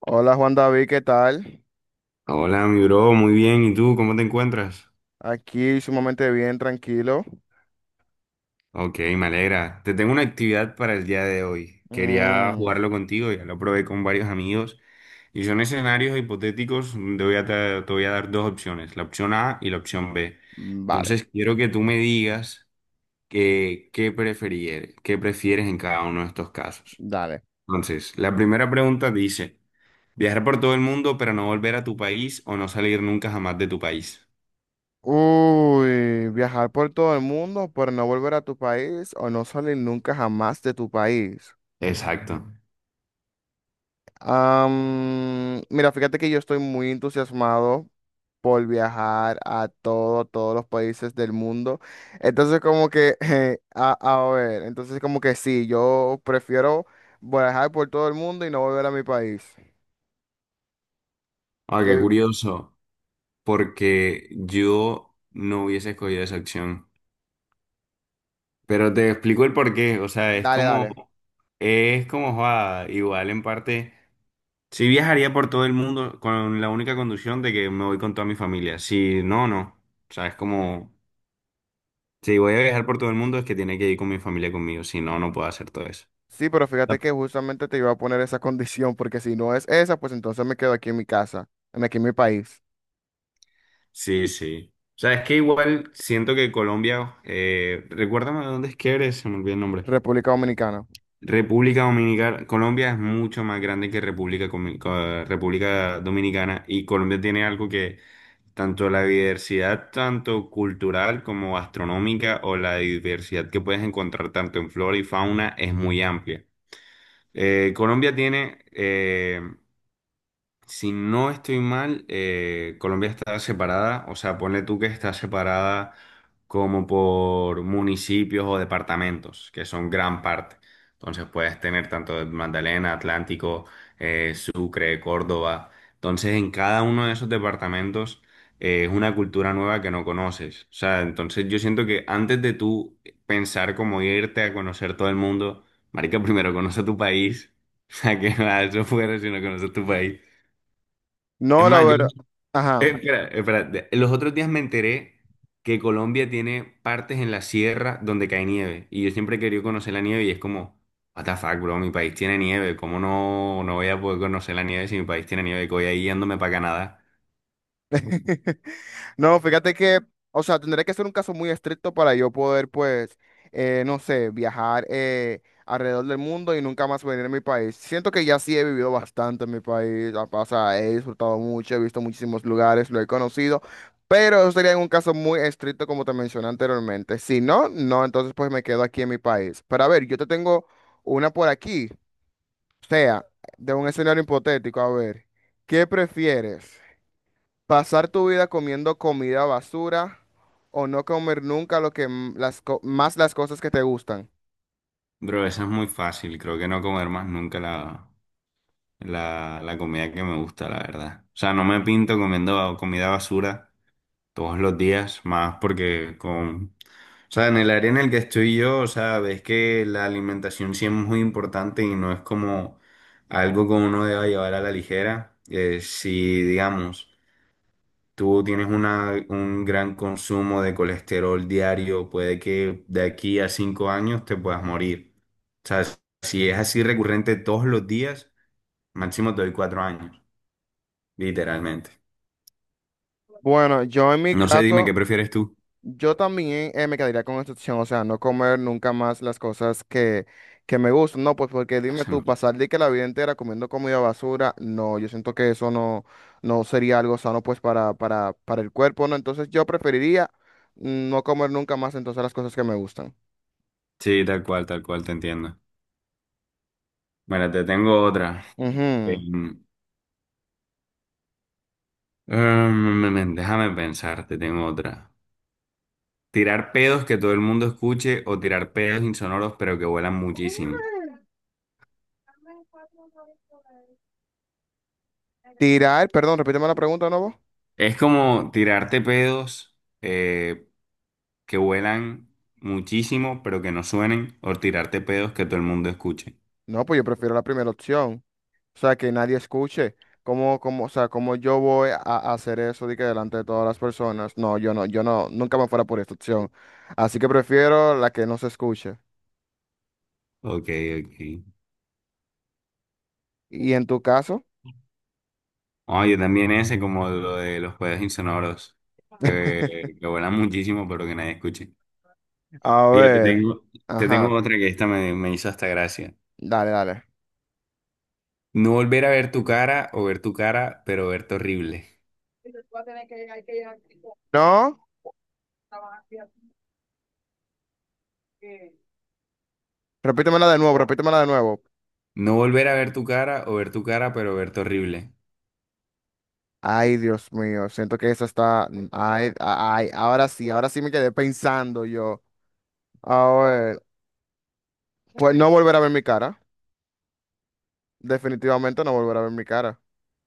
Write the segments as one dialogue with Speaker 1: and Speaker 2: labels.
Speaker 1: Hola Juan David, ¿qué tal?
Speaker 2: Hola, mi bro, muy bien. ¿Y tú cómo te encuentras?
Speaker 1: Aquí sumamente bien, tranquilo.
Speaker 2: Ok, me alegra. Te tengo una actividad para el día de hoy. Quería
Speaker 1: Mm,
Speaker 2: jugarlo contigo, ya lo probé con varios amigos. Y son escenarios hipotéticos. Te voy a dar dos opciones, la opción A y la opción B.
Speaker 1: vale,
Speaker 2: Entonces, quiero que tú me digas qué prefieres en cada uno de estos casos.
Speaker 1: dale.
Speaker 2: Entonces, la primera pregunta dice, viajar por todo el mundo pero no volver a tu país o no salir nunca jamás de tu país.
Speaker 1: Uy, viajar por todo el mundo, pero no volver a tu país o no salir nunca jamás de tu país.
Speaker 2: Exacto.
Speaker 1: Mira, fíjate que yo estoy muy entusiasmado por viajar a todo, todos los países del mundo. Entonces como que, a ver, entonces como que sí, yo prefiero viajar por todo el mundo y no volver a mi país.
Speaker 2: Ah, qué curioso, porque yo no hubiese escogido esa opción. Pero te explico el porqué. O sea,
Speaker 1: Dale, dale.
Speaker 2: es como, joda, igual en parte, sí viajaría por todo el mundo con la única condición de que me voy con toda mi familia. Si no, no. O sea, es como, si voy a viajar por todo el mundo es que tiene que ir con mi familia conmigo, si no, no puedo hacer todo eso.
Speaker 1: Sí, pero fíjate que justamente te iba a poner esa condición, porque si no es esa, pues entonces me quedo aquí en mi casa, en aquí en mi país,
Speaker 2: Sí, sí. O sea, es que igual siento que Colombia, recuérdame de dónde es que eres, se me olvidó el nombre.
Speaker 1: República Dominicana.
Speaker 2: República Dominicana, Colombia es mucho más grande que República Dominicana, y Colombia tiene algo que tanto la diversidad, tanto cultural como astronómica, o la diversidad que puedes encontrar tanto en flora y fauna, es muy amplia. Colombia tiene si no estoy mal, Colombia está separada. O sea, ponle tú que está separada como por municipios o departamentos, que son gran parte. Entonces puedes tener tanto de Magdalena, Atlántico, Sucre, Córdoba. Entonces en cada uno de esos departamentos es una cultura nueva que no conoces. O sea, entonces yo siento que antes de tú pensar como irte a conocer todo el mundo, marica, primero conoce tu país. O sea, que nada, eso fuera si no conoces tu país. Es
Speaker 1: No, la
Speaker 2: más, yo,
Speaker 1: verdad. Ajá.
Speaker 2: espera, espera, los otros días me enteré que Colombia tiene partes en la sierra donde cae nieve. Y yo siempre he querido conocer la nieve y es como, what the fuck, bro, mi país tiene nieve. ¿Cómo no, no voy a poder conocer la nieve si mi país tiene nieve? Que voy ahí yéndome para Canadá.
Speaker 1: No, fíjate que, o sea, tendría que ser un caso muy estricto para yo poder, pues, no sé, viajar alrededor del mundo y nunca más venir a mi país. Siento que ya sí he vivido bastante en mi país, o sea, he disfrutado mucho, he visto muchísimos lugares, lo he conocido, pero eso sería en un caso muy estricto como te mencioné anteriormente. Si no, no, entonces pues me quedo aquí en mi país. Pero a ver, yo te tengo una por aquí, o sea, de un escenario hipotético, a ver, ¿qué prefieres? Pasar tu vida comiendo comida basura o no comer nunca lo que más las cosas que te gustan.
Speaker 2: Bro, eso es muy fácil. Creo que no comer más nunca la comida que me gusta, la verdad. O sea, no me pinto comiendo comida basura todos los días, más porque con… O sea, en el área en el que estoy yo, o sea, ves que la alimentación sí es muy importante y no es como algo que uno deba llevar a la ligera. Si, digamos, tú tienes un gran consumo de colesterol diario, puede que de aquí a 5 años te puedas morir. O sea, si es así recurrente todos los días, máximo te doy 4 años, literalmente.
Speaker 1: Bueno, yo en mi
Speaker 2: No sé, dime, ¿qué
Speaker 1: caso,
Speaker 2: prefieres tú?
Speaker 1: yo también me quedaría con esta opción, o sea, no comer nunca más las cosas que me gustan. No, pues porque dime
Speaker 2: Se
Speaker 1: tú,
Speaker 2: me…
Speaker 1: pasar de que la vida entera comiendo comida basura, no, yo siento que eso no, no sería algo sano pues para el cuerpo, ¿no? Entonces yo preferiría no comer nunca más entonces las cosas que me gustan.
Speaker 2: Sí, tal cual, te entiendo. Bueno, te tengo otra. Eh,
Speaker 1: Ujú.
Speaker 2: Déjame pensar, te tengo otra. Tirar pedos que todo el mundo escuche o tirar pedos insonoros pero que vuelan muchísimo.
Speaker 1: Tirar, perdón, repíteme la pregunta, ¿no?
Speaker 2: Es como tirarte pedos eh, que vuelan muchísimo pero que no suenen, o tirarte pedos que todo el mundo escuche.
Speaker 1: No, pues yo prefiero la primera opción. O sea, que nadie escuche. ¿O sea, cómo yo voy a hacer eso de que delante de todas las personas? No, yo no, nunca me fuera por esta opción. Así que prefiero la que no se escuche.
Speaker 2: Ok, ok.
Speaker 1: ¿Y en tu caso?
Speaker 2: Oye, también ese como lo de los pedos insonoros que, que vuelan muchísimo pero que nadie escuche.
Speaker 1: A
Speaker 2: Fíjate,
Speaker 1: ver.
Speaker 2: te tengo
Speaker 1: Ajá.
Speaker 2: otra que esta me hizo hasta gracia.
Speaker 1: Dale, dale.
Speaker 2: No volver a ver tu cara, o ver tu cara pero verte horrible.
Speaker 1: No, repítemela de nuevo, repítemela de nuevo.
Speaker 2: No volver a ver tu cara, o ver tu cara pero verte horrible.
Speaker 1: Ay, Dios mío, siento que esa está. Ay, ay, ahora sí me quedé pensando yo. A ver, pues no volver a ver mi cara. Definitivamente no volver a ver mi cara.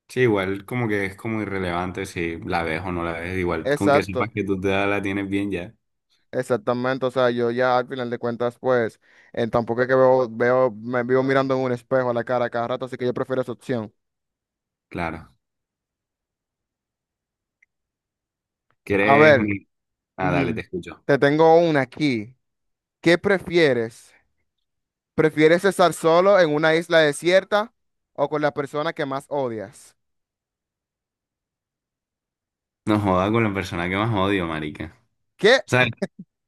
Speaker 2: Sí, igual como que es como irrelevante si la ves o no la ves. Igual, con que sepas
Speaker 1: Exacto,
Speaker 2: que tú te la tienes bien, ya.
Speaker 1: exactamente. O sea, yo ya al final de cuentas, pues, tampoco es que veo, me vivo mirando en un espejo a la cara cada rato, así que yo prefiero esa opción.
Speaker 2: Claro.
Speaker 1: A
Speaker 2: ¿Quieres?
Speaker 1: ver,
Speaker 2: Mi… Ah, dale, te
Speaker 1: ujú,
Speaker 2: escucho.
Speaker 1: te tengo una aquí. ¿Qué prefieres? ¿Prefieres estar solo en una isla desierta o con la persona que más odias?
Speaker 2: No joda, con la persona que más odio, marica.
Speaker 1: ¿Qué?
Speaker 2: O sea,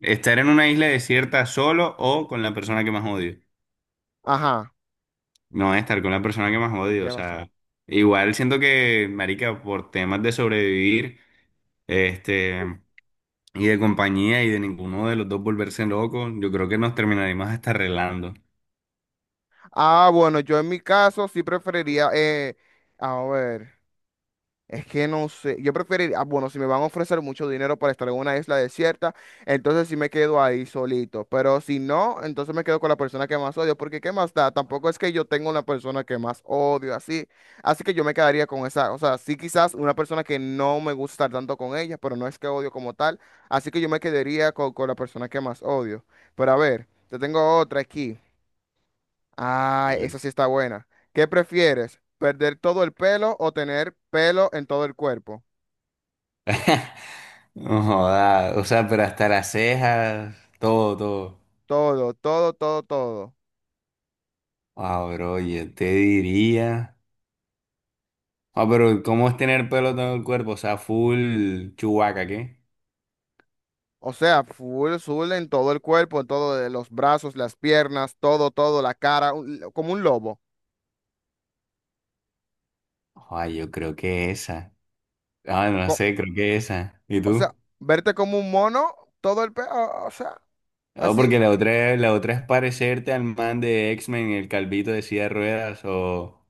Speaker 2: estar en una isla desierta solo o con la persona que más odio.
Speaker 1: Ajá,
Speaker 2: No, estar con la persona que más odio. O
Speaker 1: ya va solo.
Speaker 2: sea, igual siento que, marica, por temas de sobrevivir, este… y de compañía y de ninguno de los dos volverse loco, yo creo que nos terminaríamos hasta arreglando.
Speaker 1: Ah, bueno, yo en mi caso sí preferiría, a ver. Es que no sé, yo preferiría, ah, bueno, si me van a ofrecer mucho dinero para estar en una isla desierta, entonces sí me quedo ahí solito, pero si no, entonces me quedo con la persona que más odio, porque ¿qué más da? Tampoco es que yo tenga una persona que más odio, así, así que yo me quedaría con esa, o sea, sí quizás una persona que no me gusta estar tanto con ella, pero no es que odio como tal, así que yo me quedaría con la persona que más odio. Pero a ver, te tengo otra aquí. Ah, esa sí está buena. ¿Qué prefieres? ¿Perder todo el pelo o tener pelo en todo el cuerpo?
Speaker 2: Claro. No joda, o sea, pero hasta las cejas, todo, todo.
Speaker 1: Todo, todo, todo, todo.
Speaker 2: Ah, bro, yo te diría. Ah, pero ¿cómo es tener pelo todo el cuerpo? O sea, full chubaca, ¿qué?
Speaker 1: O sea, full, full en todo el cuerpo, en todo, de los brazos, las piernas, todo, todo, la cara, como un lobo.
Speaker 2: Ah, yo creo que esa. Ah,
Speaker 1: O,
Speaker 2: no
Speaker 1: co-
Speaker 2: sé, creo que esa. ¿Y
Speaker 1: o sea,
Speaker 2: tú?
Speaker 1: verte como un mono, todo el pe... O, o sea,
Speaker 2: Ah,
Speaker 1: así.
Speaker 2: porque la otra es parecerte al man de X-Men, el calvito de silla de ruedas, o.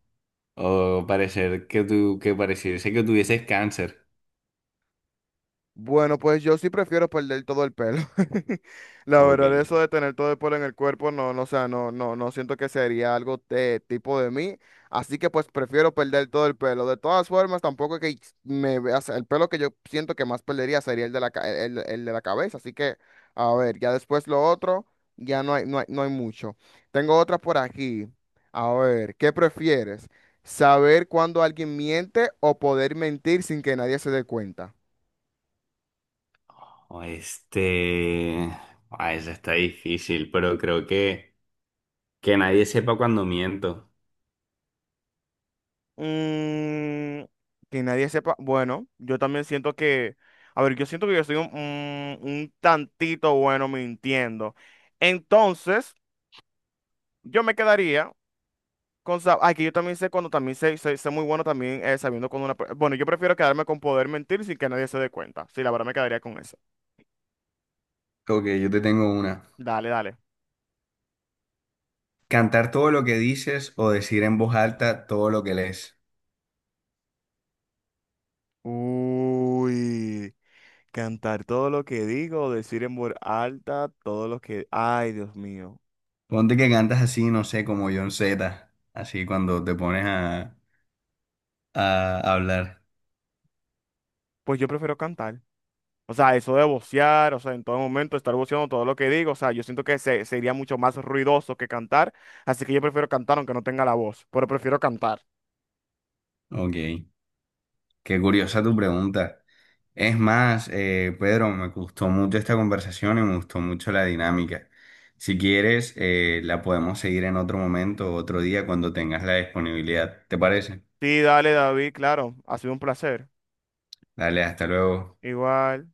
Speaker 2: O parecer que tú, que pareciese que tuvieses cáncer.
Speaker 1: Bueno, pues yo sí prefiero perder todo el pelo. La verdad,
Speaker 2: Ok.
Speaker 1: eso de tener todo el pelo en el cuerpo, no, no, o sea, no, no, no siento que sería algo de tipo de mí. Así que pues prefiero perder todo el pelo. De todas formas, tampoco que me veas, el pelo que yo siento que más perdería sería el de la, el de la cabeza. Así que, a ver, ya después lo otro, ya no hay, no hay, no hay mucho. Tengo otra por aquí. A ver, ¿qué prefieres? ¿Saber cuándo alguien miente o poder mentir sin que nadie se dé cuenta?
Speaker 2: O este… Ah, esa está difícil, pero creo que nadie sepa cuando miento.
Speaker 1: Mm, que nadie sepa. Bueno, yo también siento que, a ver, yo siento que yo soy un, un tantito bueno mintiendo. Entonces, yo me quedaría con... Ay, que yo también sé cuando también sé, sé muy bueno también sabiendo cuando una... per- Bueno, yo prefiero quedarme con poder mentir sin que nadie se dé cuenta. Sí, la verdad me quedaría con eso.
Speaker 2: Ok, yo te tengo una.
Speaker 1: Dale, dale.
Speaker 2: Cantar todo lo que dices o decir en voz alta todo lo que lees.
Speaker 1: Uy, cantar todo lo que digo, decir en voz alta todo lo que... Ay, Dios mío.
Speaker 2: Ponte que cantas así, no sé, como John Z, así cuando te pones a hablar.
Speaker 1: Pues yo prefiero cantar. O sea, eso de vocear, o sea, en todo momento estar voceando todo lo que digo, o sea, yo siento que sería mucho más ruidoso que cantar, así que yo prefiero cantar aunque no tenga la voz, pero prefiero cantar.
Speaker 2: Ok, qué curiosa tu pregunta. Es más, Pedro, me gustó mucho esta conversación y me gustó mucho la dinámica. Si quieres, la podemos seguir en otro momento, otro día, cuando tengas la disponibilidad. ¿Te parece?
Speaker 1: Sí, dale, David, claro, ha sido un placer.
Speaker 2: Dale, hasta luego.
Speaker 1: Igual.